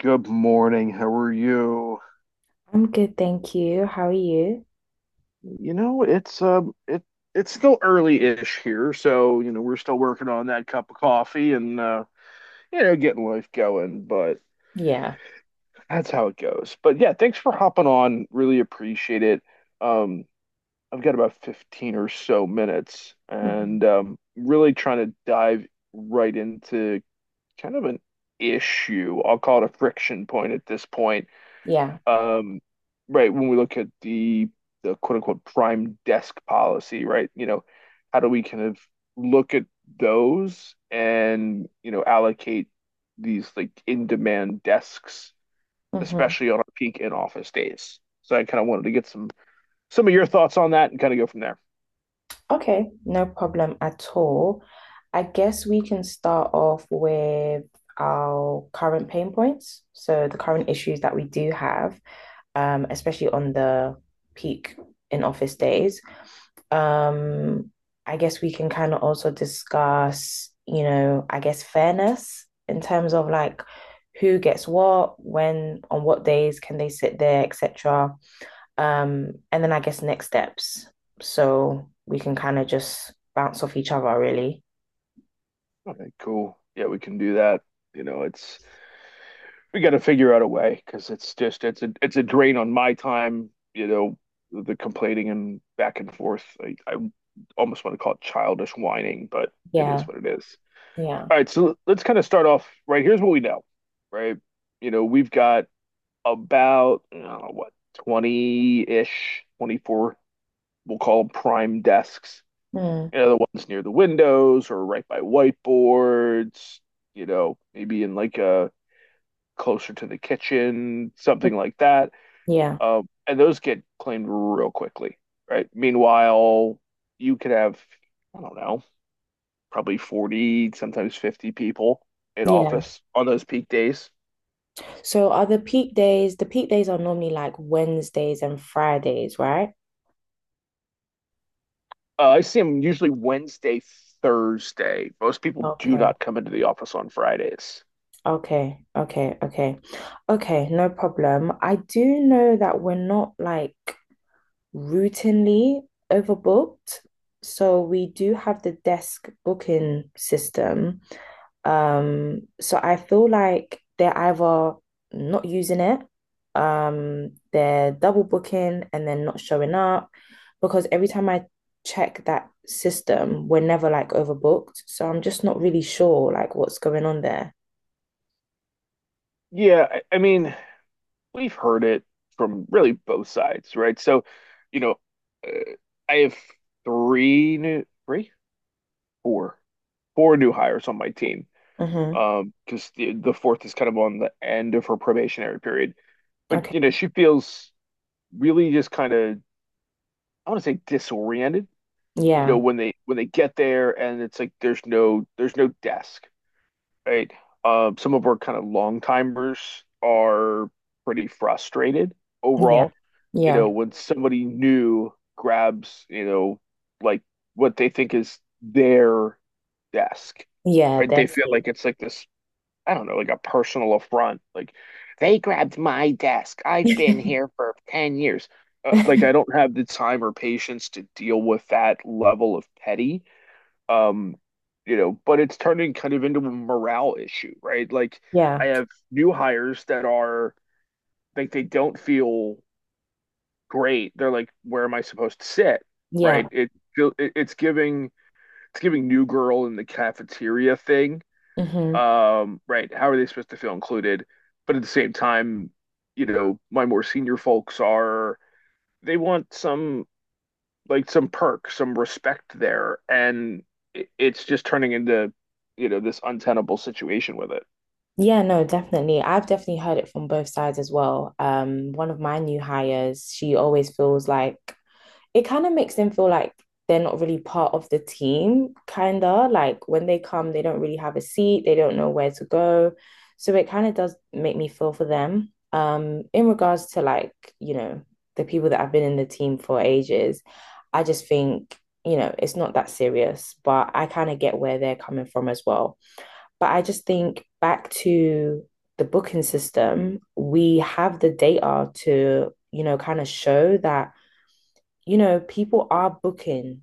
Good morning. How are you? I'm good, thank you. How are you? You know, it's it it's still early-ish here, so we're still working on that cup of coffee and getting life going, but Yeah. that's how it goes. But yeah, thanks for hopping on. Really appreciate it. Um I've got about 15 or so minutes Mhm. and really trying to dive right into kind of an issue. I'll call it a friction point at this point Yeah. um, right, when we look at the quote unquote prime desk policy, right? How do we kind of look at those and, allocate these like in-demand desks, Hmm. especially on our peak in-office days? So I kind of wanted to get some of your thoughts on that and kind of go from there. Okay. No problem at all. I guess we can start off with our current pain points. So the current issues that we do have, especially on the peak in office days. Um, I guess we can kind of also discuss, you know, I guess fairness in terms of like who gets what, when, on what days can they sit there, etc. And then I guess next steps. So we can kind of just bounce off each other, really. Okay, cool. Yeah, we can do that. You know, it's we got to figure out a way because it's a drain on my time. You know, the complaining and back and forth. I almost want to call it childish whining, but it is Yeah, what it is. yeah. All right, so let's kind of start off right. Here's what we know, right? You know, we've got about I don't know, what, 20 ish, 24, we'll call them prime desks. Mm. You know, the ones near the windows or right by whiteboards, you know, maybe in like a closer to the kitchen, something like that. Yeah, And those get claimed real quickly, right? Meanwhile, you could have, I don't know, probably 40, sometimes 50 people in yeah. office on those peak days. So are the peak days are normally like Wednesdays and Fridays, right? I see them usually Wednesday, Thursday. Most people do Okay, not come into the office on Fridays. okay, okay, okay. Okay, no problem. I do know that we're not like routinely overbooked. So we do have the desk booking system. So I feel like they're either not using it, they're double booking and then not showing up. Because every time I check that system, we're never like overbooked. So I'm just not really sure like what's going on there. Yeah, I mean, we've heard it from really both sides, right? So, you know, uh, I have three new, three, four, four new hires on my team. Mm-hmm. Because the fourth is kind of on the end of her probationary period. But Okay. you know, she feels really just kind of, I want to say disoriented. You Yeah. know, when they get there and it's like there's no desk, right? Some of our kind of long timers are pretty frustrated Yeah. overall. You Yeah. know, when somebody new grabs, you know, like what they think is their desk, Yeah. right? They That's feel it. like it's like this, I don't know, like a personal affront. Like they grabbed my desk. I've been here for 10 years. Like I don't have the time or patience to deal with that level of petty, um, you know, but it's turning kind of into a morale issue, right? Like I Yeah. have new hires that are like they don't feel great. They're like, where am I supposed to sit? Right? Yeah. It, feel- it it's giving new girl in the cafeteria thing. Mm-hmm. Right? How are they supposed to feel included? But at the same time, you know, my more senior folks are they want some like some perk, some respect there, and it's just turning into, you know, this untenable situation with it. Yeah, no, definitely. I've definitely heard it from both sides as well. One of my new hires, she always feels like it kind of makes them feel like they're not really part of the team, kind of like when they come, they don't really have a seat, they don't know where to go. So it kind of does make me feel for them. In regards to like, you know, the people that have been in the team for ages, I just think, you know, it's not that serious, but I kind of get where they're coming from as well, but I just think back to the booking system, we have the data to, you know, kind of show that, you know, people are booking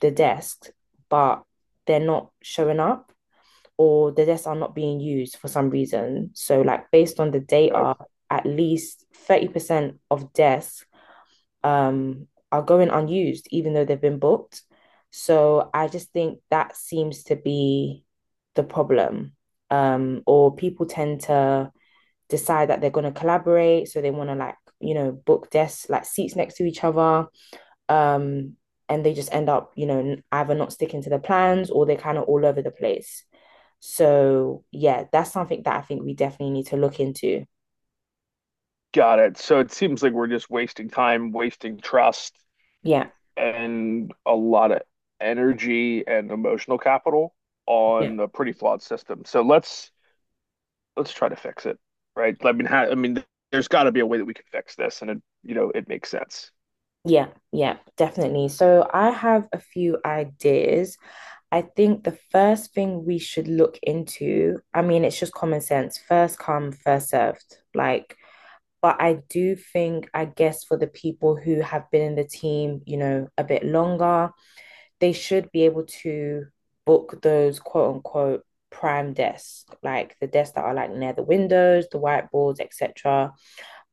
the desks, but they're not showing up or the desks are not being used for some reason. So, like, based on the So, data, at least 30% of desks um, are going unused, even though they've been booked. So I just think that seems to be the problem. Or people tend to decide that they're going to collaborate. So they want to, like, you know, book desks, like seats next to each other. Um, and they just end up, you know, either not sticking to the plans or they're kind of all over the place. So, yeah, that's something that I think we definitely need to look into. got it. So it seems like we're just wasting time, wasting trust, Yeah. and a lot of energy and emotional capital Yeah. on a pretty flawed system. So let's try to fix it, right? I mean, there's got to be a way that we can fix this, and it, you know, it makes sense. Yeah, yeah, definitely. So I have a few ideas. I think the first thing we should look into, I mean, it's just common sense, first come, first served. Like, but I do think, I guess, for the people who have been in the team, you know, a bit longer, they should be able to book those quote unquote prime desks, like the desks that are like near the windows, the whiteboards, etc.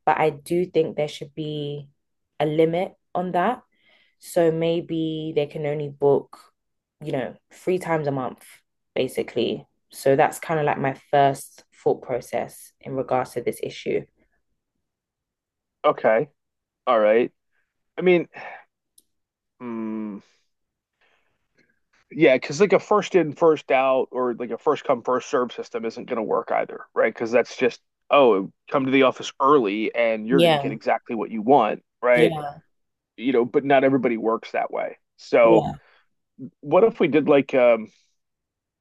But I do think there should be a limit on that. So maybe they can only book, you know, 3 times a month, basically. So that's kind of like my first thought process in regards to this issue. Okay, all right. I mean, hmm. Yeah, because like a first in, first out, or like a first come, first serve system isn't going to work either, right? Because that's just, oh, come to the office early and you're going to get Yeah, exactly what you want, right? yeah, You know, but not everybody works that way. So, yeah. what if we did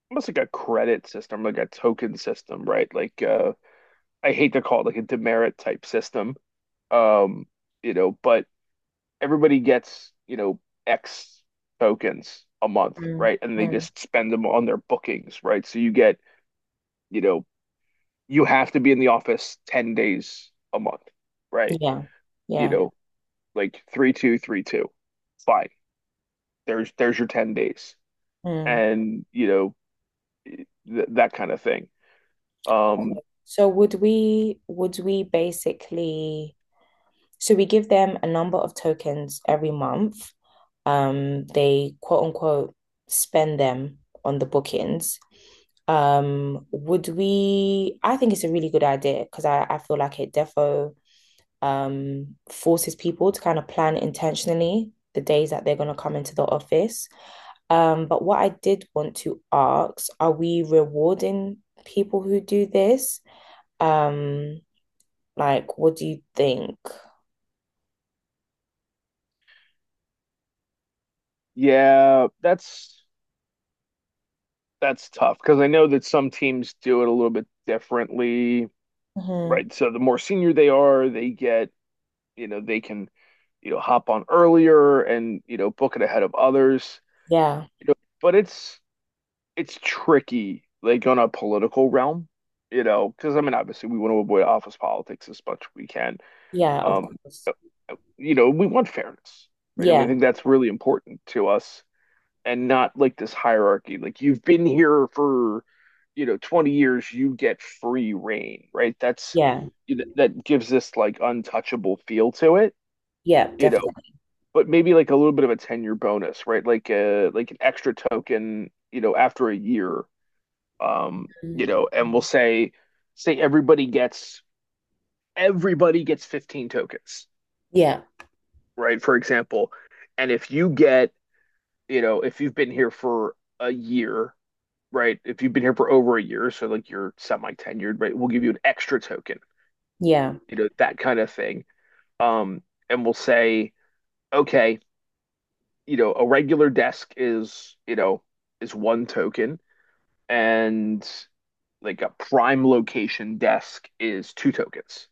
almost like a credit system, like a token system, right? I hate to call it like a demerit type system. Um, you know, but everybody gets, you know, X tokens a month, Mm, right? And they mm, just spend them on their bookings, right? So you get, you know, you have to be in the office 10 days a month, right? yeah, You yeah. know, like three, two, three, two. Fine. There's your 10 days. Mm. And, you know, th that kind of thing. Okay. Um, So would we basically, so we give them a number of tokens every month. They quote unquote spend them on the bookings. Would we? I think it's a really good idea because I feel like it defo, forces people to kind of plan intentionally the days that they're going to come into the office. But what I did want to ask, are we rewarding people who do this? Um, like, what do you think? yeah, that's tough because I know that some teams do it a little bit differently, Mhm. right? So the more senior they are, they get, you know, they can you know hop on earlier and you know book it ahead of others. Yeah. You know, but it's tricky like on a political realm, you know, because I mean obviously we want to avoid office politics as much as we can. Yeah, of Um, course. you know, we want fairness, right? I mean, I Yeah, think that's really important to us and not like this hierarchy. Like you've been here for, you know, 20 years, you get free reign, right? That's yeah, that gives this like untouchable feel to it, yeah, you know, definitely. but maybe like a little bit of a tenure bonus, right? Like an extra token, you know, after a year. Um, you Mm. know, and we'll say say everybody gets everybody gets 15 tokens, Yeah, right? For example. And if you get, you know, if you've been here for a year, right? If you've been here for over a year, so like you're semi tenured, right? We'll give you an extra token, yeah, you know, that kind of thing. Um, and we'll say, okay, you know, a regular desk is, you know, is one token and like a prime location desk is two tokens.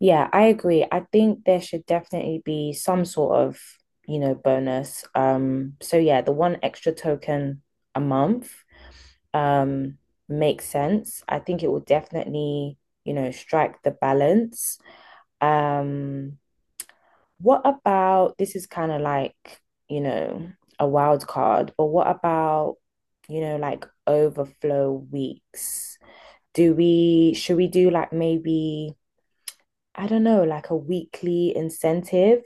yeah, I agree. I think there should definitely be some sort of, you know, bonus. So yeah, the one extra token a month, um, makes sense. I think it will definitely, you know, strike the balance. Um, What about, this is kind of like, you know, a wild card, but what about, you know, like overflow weeks? Should we do like maybe, I don't know, like a weekly incentive,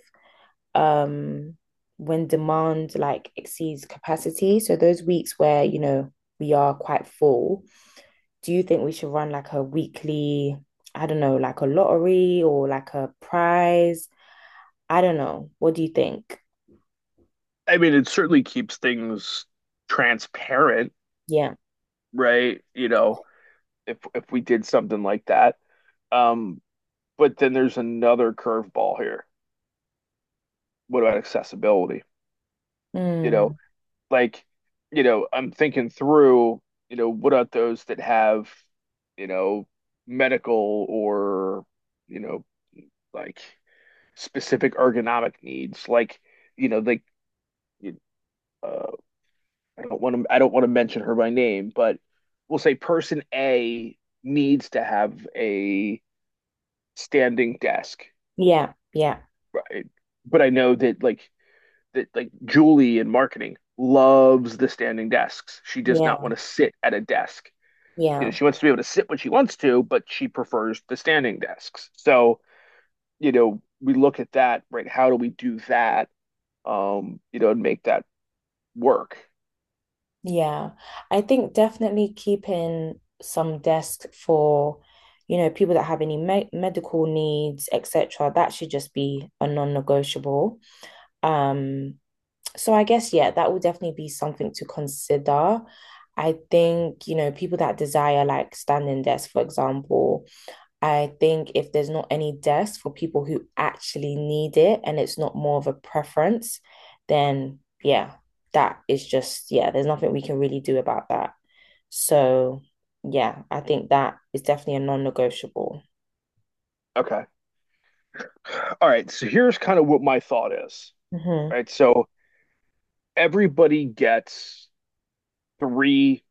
um, when demand like exceeds capacity? So those weeks where, you know, we are quite full, do you think we should run like a weekly, I don't know, like a lottery or like a prize? I don't know. What do you think? I mean, it certainly keeps things transparent, Yeah. right? You know, if we did something like that. Um, but then there's another curveball here. What about accessibility? You Mm, know, like, you know, I'm thinking through, you know, what about those that have, you know, medical or, you know, like specific ergonomic needs, like, you know, you- uh, I don't want to mention her by name, but we'll say person A needs to have a standing desk, yeah, yeah, right? But I know that like Julie in marketing loves the standing desks. She does not yeah, want to sit at a desk. You know, yeah, she wants to be able to sit when she wants to, but she prefers the standing desks. So, you know, we look at that, right? How do we do that? You know, and make that work. yeah. I think definitely keeping some desk for, you know, people that have any me medical needs, etc. That should just be a non-negotiable. Um, so I guess yeah, that will definitely be something to consider. I think, you know, people that desire like standing desk, for example. I think if there's not any desk for people who actually need it and it's not more of a preference, then yeah, that is just, yeah, there's nothing we can really do about that. So yeah, I think that is definitely a non-negotiable. Okay. All right. So here's kind of what my thought is, Hmm. right? So everybody gets three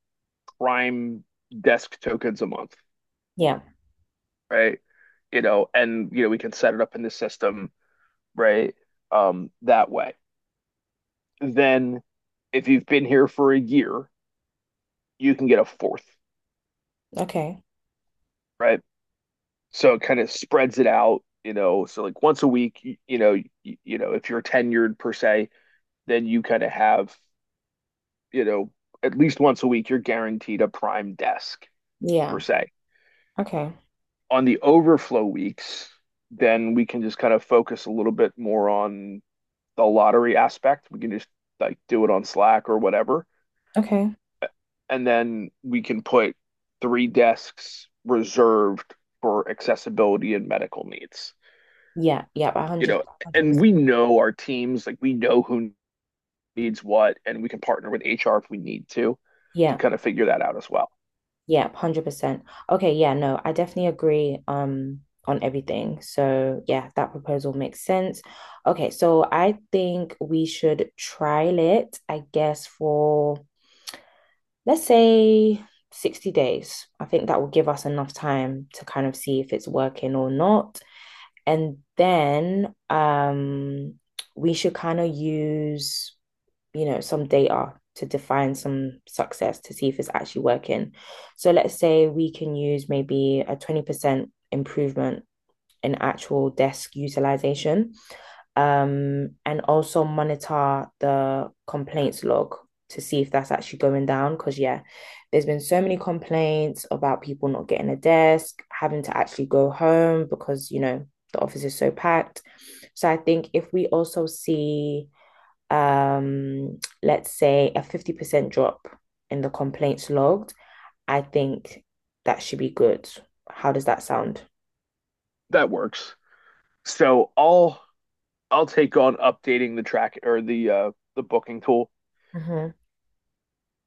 prime desk tokens a month, Yeah. right? You know, and you know, we can set it up in the system, right? That way. Then if you've been here for a year, you can get a fourth, Okay. right? So it kind of spreads it out, you know. So like once a week, you, you know, if you're tenured per se, then you kind of have, you know, at least once a week, you're guaranteed a prime desk per Yeah. se. Okay. On the overflow weeks, then we can just kind of focus a little bit more on the lottery aspect. We can just like do it on Slack or whatever. Okay. And then we can put three desks reserved for accessibility and medical needs. Yeah. Yeah. You 100, know, and 100%. we know our teams, like we know who needs what, and we can partner with HR if we need to Yeah. kind of figure that out as well. Yeah, 100%. Okay, yeah, no, I definitely agree on everything. So, yeah, that proposal makes sense. Okay, so I think we should trial it, I guess, for let's say 60 days. I think that will give us enough time to kind of see if it's working or not. And then we should kind of use, you know, some data to define some success to see if it's actually working. So let's say we can use maybe a 20% improvement in actual desk utilization, and also monitor the complaints log to see if that's actually going down. Because, yeah, there's been so many complaints about people not getting a desk, having to actually go home because, you know, the office is so packed. So I think if we also see, let's say a 50% drop in the complaints logged, I think that should be good. How does that sound? That works. So I'll take on updating the booking tool Mm-hmm.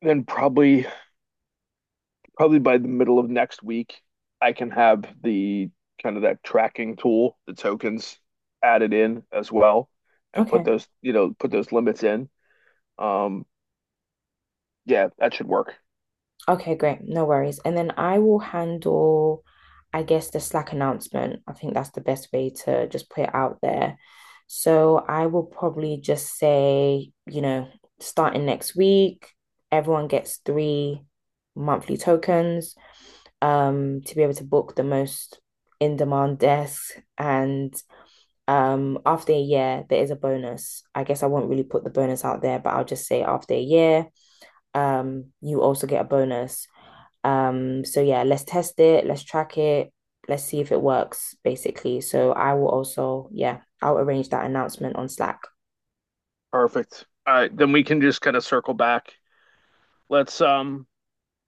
then probably by the middle of next week, I can have the kind of that tracking tool, the tokens added in as well, and put Okay. those you know put those limits in. Um, yeah, that should work. Okay, great. No worries. And then I will handle, I guess, the Slack announcement. I think that's the best way to just put it out there. So I will probably just say, you know, starting next week, everyone gets 3 monthly tokens to be able to book the most in-demand desks. And after a year, there is a bonus. I guess I won't really put the bonus out there, but I'll just say after a year, you also get a bonus. So yeah, let's test it, let's track it, let's see if it works, basically. So I will also, yeah, I'll arrange that announcement on Slack. Perfect. All right, then we can just kind of circle back. Let's um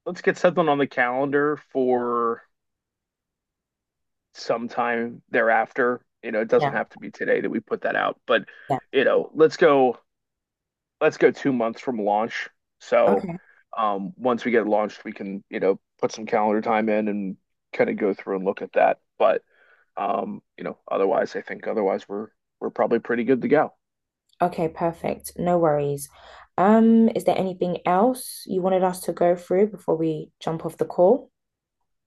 let's get something on the calendar for sometime thereafter. You know, it doesn't Yeah, have to be today that we put that out, but yeah. you know, let's go 2 months from launch. So Okay. Once we get launched, we can, you know, put some calendar time in and kind of go through and look at that. But you know, otherwise, I think otherwise we're probably pretty good to go. Okay, perfect. No worries. Is there anything else you wanted us to go through before we jump off the call?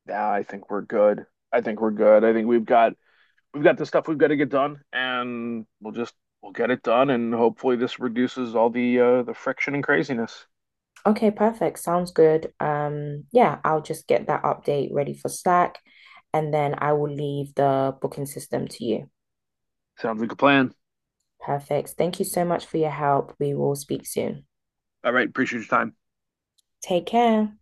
Yeah, I think we're good. I think we're good. I think we've got the stuff we've got to get done, and we'll just we'll get it done, and hopefully this reduces all the friction and craziness. Okay, perfect. Sounds good. Yeah, I'll just get that update ready for Slack and then I will leave the booking system to you. Sounds like a plan. Perfect. Thank you so much for your help. We will speak soon. All right, appreciate your time. Take care.